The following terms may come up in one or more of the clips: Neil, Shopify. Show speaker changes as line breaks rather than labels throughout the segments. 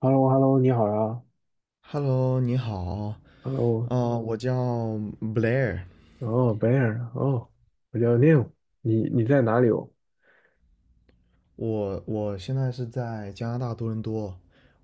h e l l o h e l l o 你好呀。
Hello，你好，
哦。
我叫 Blair，
哦，白 r 哦。我叫 Neil。你在哪里哦？
我现在是在加拿大多伦多，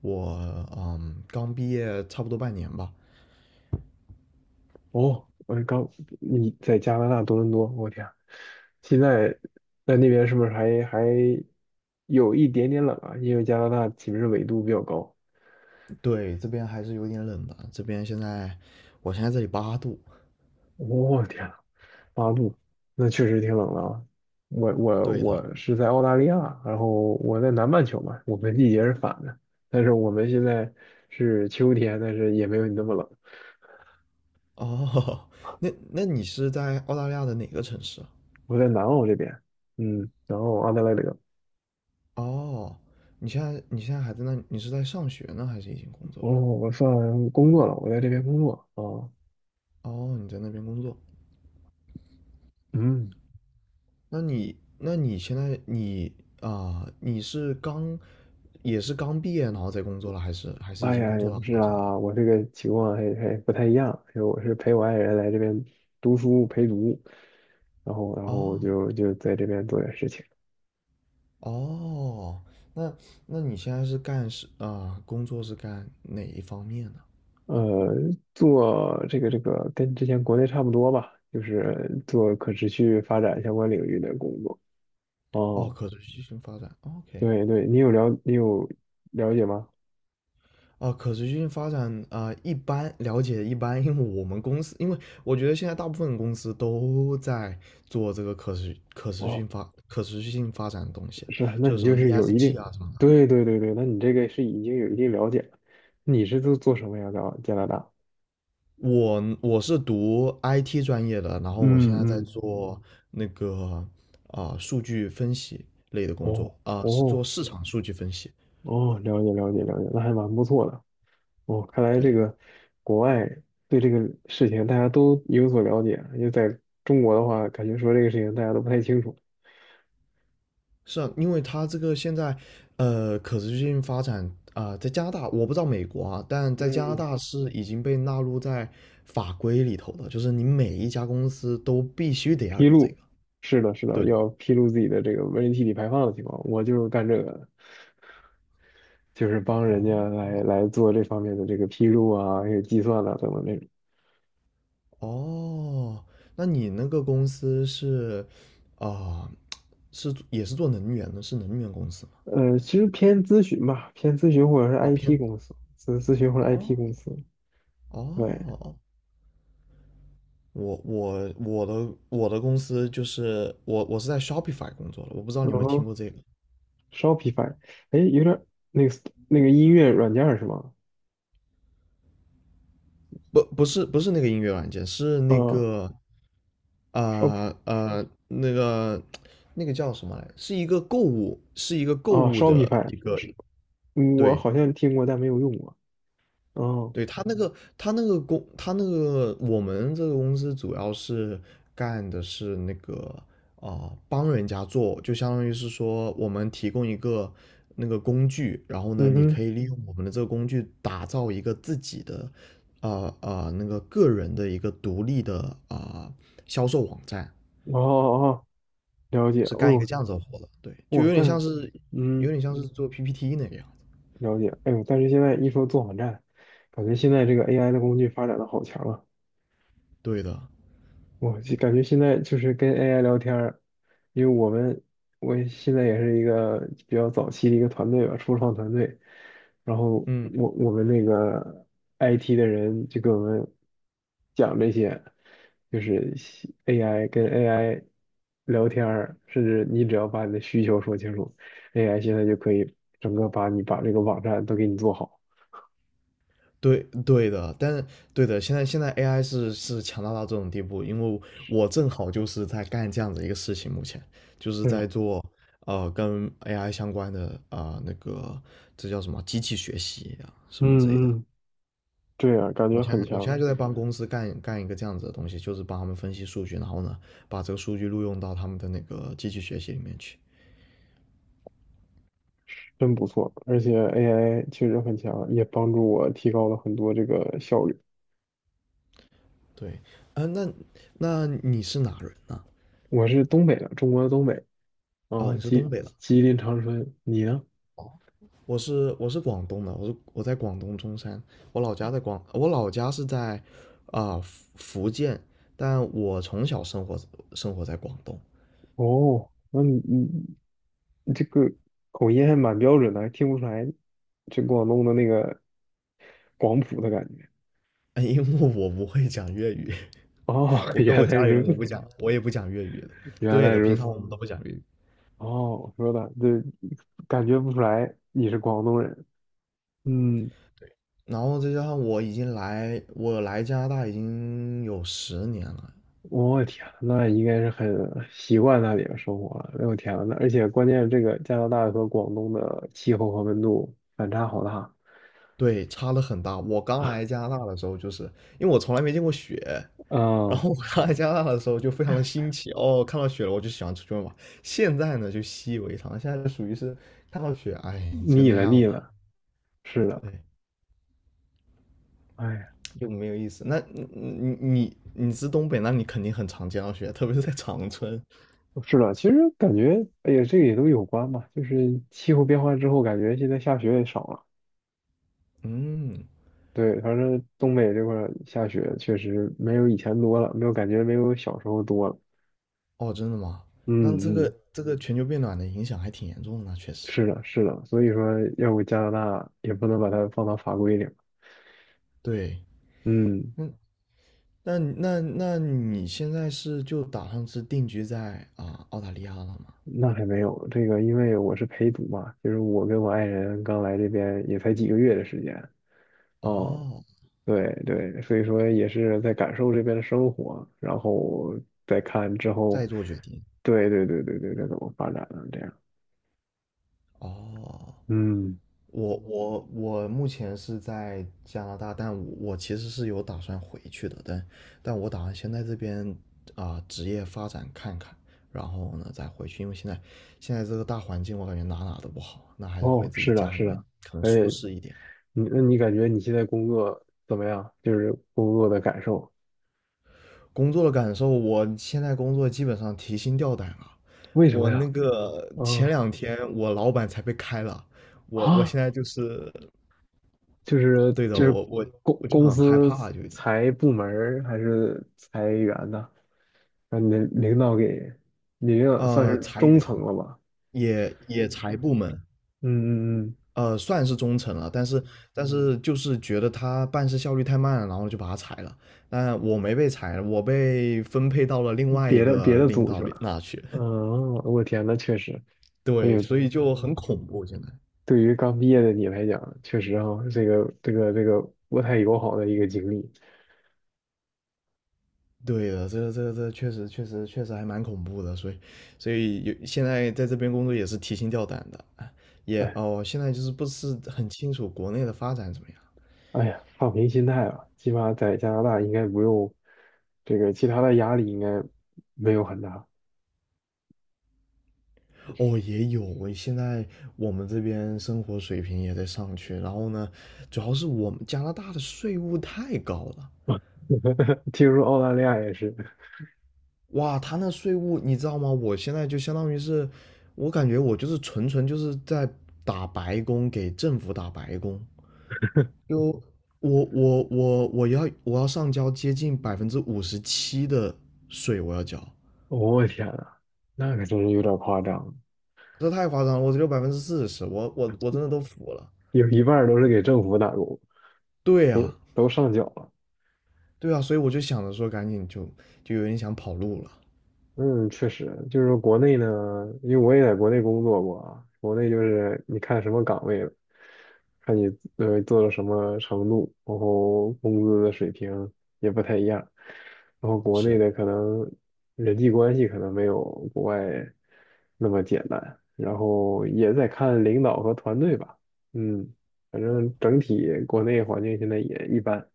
我刚毕业差不多半年吧。
哦，我刚你在加拿大多伦多，我天，现在在那边是不是还有一点点冷啊？因为加拿大岂不是纬度比较高？
对，这边还是有点冷的。这边现在我现在这里8度。
天呐八度，那确实挺冷的啊。我我
对的。
我是在澳大利亚，然后我在南半球嘛，我们季节是反的，但是我们现在是秋天，但是也没有你那么冷。
哦，那你是在澳大利亚的哪个城市啊？
我在南澳这边，然后阿德莱德。
哦，你现在还在那，你是在上学呢，还是已经工作
哦，
了？
我算工作了，我在这边工作啊。
哦，你在那边工作。
嗯。
那你现在你你是刚也是刚毕业然后在工作了，还是已
哎
经
呀，
工
也
作了
不是
好几年了？
啊，我这个情况还不太一样，因为我是陪我爱人来这边读书陪读，然后我
哦
就就在这边做点事情。
哦，那那你现在是干工作是干哪一方面呢？
呃，做这个跟之前国内差不多吧，就是做可持续发展相关领域的工作。
哦，
哦，
可持续性发展哦，OK。
对对，你有了解吗？
哦，可持续性发展一般了解一般，因为我们公司，因为我觉得现在大部分公司都在做这个
哦。
可持续性发展的东西，
是，那
就是
你
什
就
么
是有一
ESG
定。
啊什么的。
对对对对，那你这个是已经有一定了解了。你是做什么呀？在加拿大？
我是读 IT 专业的，然后我现在
嗯
在
嗯。
做那个数据分析类的工作
哦
是做
哦
市场数据分析。
哦，了解了解了解，那还蛮不错的。哦，看来这
对。
个国外对这个事情大家都有所了解，因为在中国的话，感觉说这个事情大家都不太清楚。
是啊，因为它这个现在可持续性发展在加拿大我不知道美国啊，但在加拿
嗯，
大是已经被纳入在法规里头的，就是你每一家公司都必须得要
披
有这个。
露，是的，是的，
对。
要披露自己的这个温室气体排放的情况，我就是干这个的。就是帮人家来做这方面的这个披露啊，还有计算啊等等这种。
哦，那你那个公司是啊、是也是做能源的，是能源公司吗？
其实偏咨询吧，偏咨询或者是
哦，
IT
偏
公司，咨询或者 IT
哦
公司。对，
哦，我的我的公司就是我是在 Shopify 工作的，我不知道你
然
有没有听
后
过这个。
Shopify，哎，有点儿那个那个音乐软件儿是吗？
不是那个音乐软件，是那
啊
个
，Shop
啊呃那个那个叫什么来，是一个购物是一个购物的
Shopify，
一个
是我
对。
好像听过，但没有用过。哦。
对，他那个，他那个公，他那个我们这个公司主要是干的是那个帮人家做，就相当于是说我们提供一个那个工具，然后呢，
嗯
你
哼。
可以利用我们的这个工具打造一个自己的那个个人的一个独立的啊、呃销售网站，
哦哦。哦，了解。
是干一个
哦。
这样子的活的。对，就
哇，
有点
但是。
像是
嗯。
做 PPT 那个样子。
了解，哎呦，但是现在一说做网站，感觉现在这个 AI 的工具发展的好强啊！
对的。
我就感觉现在就是跟 AI 聊天儿，因为我现在也是一个比较早期的一个团队吧，初创团队。然后
嗯。
我们那个 IT 的人就跟我们讲这些，就是 AI 跟 AI 聊天儿，甚至你只要把你的需求说清楚，AI 现在就可以整个把这个网站都给你做好。
对的，但是对的，现在AI 是强大到这种地步，因为我正好就是在干这样子一个事情，目前就是
是
在
的。
做跟 AI 相关的那个，这叫什么机器学习啊什么之类的。
嗯嗯。对啊，感觉很
我现
强，
在就在帮公司干一个这样子的东西，就是帮他们分析数据，然后呢把这个数据录用到他们的那个机器学习里面去。
真不错。而且 AI 确实很强，也帮助我提高了很多这个效率。
对。那那你是哪人呢？
我是东北的，中国的东北
哦，
啊，
你是东
吉
北的。
吉林长春。你呢？
我是广东的，我是我在广东中山，我老家是在福建，但我从小生活在广东。
哦，那你这个口音还蛮标准的，还听不出来这广东的那个广普的感觉。
哎，因为我不会讲粤语。
哦，
我跟我
原来
家里
如
人也
此。
不讲，我也不讲粤语的。
原
对
来
的，
如
平
此。
常我们都不讲粤语。
哦，我说的，对，感觉不出来你是广东人。嗯。
然后再加上我来加拿大已经有10年了。
我天，那应该是很习惯那里的生活了。哎呦天呐，那而且关键是这个加拿大和广东的气候和温度反差好大。
对，差的很大。我刚来加拿大的时候，就是因为我从来没见过雪，然
嗯，
后我刚来加拿大的时候就非常的新奇哦，看到雪了我就喜欢出去玩嘛。现在呢就习以为常，现在就属于是看到雪，哎，就
腻
那
了
样
腻
吧。
了，是的，
对，
哎呀
就没有意思。那你是东北，那你肯定很常见到雪，特别是在长春。
是的，其实感觉，哎呀，这个也都有关吧，就是气候变化之后，感觉现在下雪也少了。
嗯，
对，反正东北这块儿下雪确实没有以前多了，没有感觉没有小时候多了。
哦，真的吗？那这
嗯嗯，
个全球变暖的影响还挺严重的呢，确实。
是的，是的，所以说要不加拿大也不能把它放到法规里。
对，
嗯，
那那那你现在是就打算是定居在澳大利亚了吗？
那还没有，这个因为我是陪读嘛，就是我跟我爱人刚来这边也才几个月的时间。哦，
哦，
对对，所以说也是在感受这边的生活，然后再看之后，
再做决定。
对对对对对，该怎么发展了这样。
哦，
嗯。
我我目前是在加拿大，但我我其实是有打算回去的，但但我打算先在这边职业发展看看，然后呢再回去，因为现在这个大环境我感觉哪哪都不好，那还是回
哦，
自己
是的，
家里
是
面
的，
可能
而
舒
且
适一点。
那你感觉你现在工作怎么样？就是工作的感受。
工作的感受，我现在工作基本上提心吊胆了。
为什么
我
呀？
那个前
啊、
两天我老板才被开了，我
啊，
现在就是
就是
对的，
就是公
我就
公
很害
司
怕，就有点。
裁部门儿还是裁员呢？让你的领导给，你领导算是
裁
中
员，
层了吧？
也裁部门。
嗯嗯
算是中层了，但是但是就是觉得他办事效率太慢了，然后就把他裁了。但我没被裁，我被分配到了另
嗯。
外一
别的
个
别的
领
组
导
去
里
了。
那去。
嗯，我天呐，确实，哎
对，
呦，
所以就很恐怖现在。
对于刚毕业的你来讲，确实哈、这个不太友好的一个经历。
对的，这个确实还蛮恐怖的，所以所以有现在在这边工作也是提心吊胆的。哎，
哎
哦，现在就是不是很清楚国内的发展怎么样。
哎呀，放平心态吧，起码在加拿大应该不用这个其他的压力，应该没有很大。
哦，也有。我现在我们这边生活水平也在上去，然后呢，主要是我们加拿大的税务太高了。
听说澳大利亚也是。
哇，他那税务你知道吗？我现在就相当于是，我感觉我就是纯纯就是在打白工，给政府打白工。就我要上交接近57%的税，我要交。
我天呐，那可真是有点夸张，
这太夸张了，我只有40%，我真的都服了。
有一半儿都是给政府打工，
对
都
呀、
都上缴了。
对啊，所以我就想着说，赶紧就就有点想跑路了。
嗯，确实，就是说国内呢，因为我也在国内工作过啊，国内就是你看什么岗位了，看你做到什么程度，然后工资的水平也不太一样，然后国内
是。
的可能人际关系可能没有国外那么简单，然后也在看领导和团队吧，嗯，反正整体国内环境现在也一般。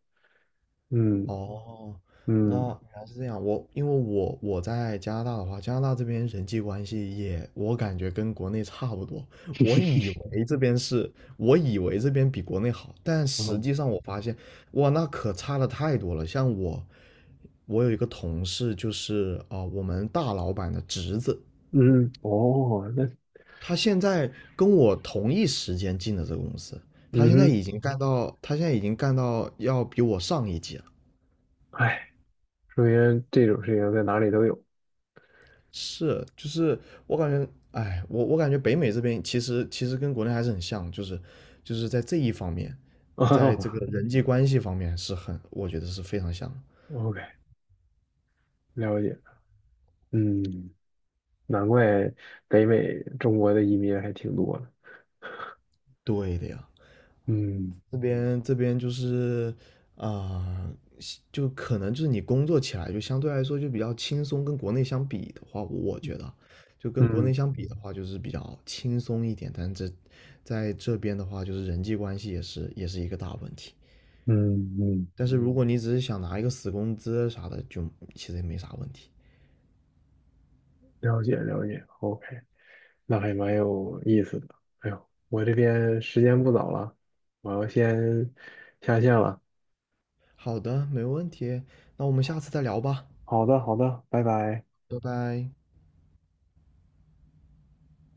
嗯
哦，那
嗯。
原来是这样。因为我我在加拿大的话，加拿大这边人际关系也，我感觉跟国内差不多。我以为这边是，我以为这边比国内好，但实
哦
际上我发现，哇，那可差的太多了。像我，我有一个同事，就是我们大老板的侄子，
嗯。哦。
他现在跟我同一时间进的这个公司，
嗯哼。
他现在已经干到要比我上一级了。
哎，首先这种事情在哪里都有。
是，就是我感觉，哎，我感觉北美这边其实跟国内还是很像，就是就是在这一方面，在这个
哦。
人际关系方面是很，我觉得是非常像的。
OK，了解。嗯，难怪北美中国的移民还挺多的。
对的呀，
嗯
这边就是啊、就可能就是你工作起来就相对来说就比较轻松，跟国内相比的话，我觉得就跟国
嗯
内相比的话，就是比较轻松一点。但这在这边的话，就是人际关系也是一个大问题。
嗯嗯，
但是如果你只是想拿一个死工资啥的，就其实也没啥问题。
了解了解。OK，那还蛮有意思的。哎呦，我这边时间不早了，我要先下线了。
好的，没问题，那我们下次再聊吧。
好的好的，拜拜。
拜拜。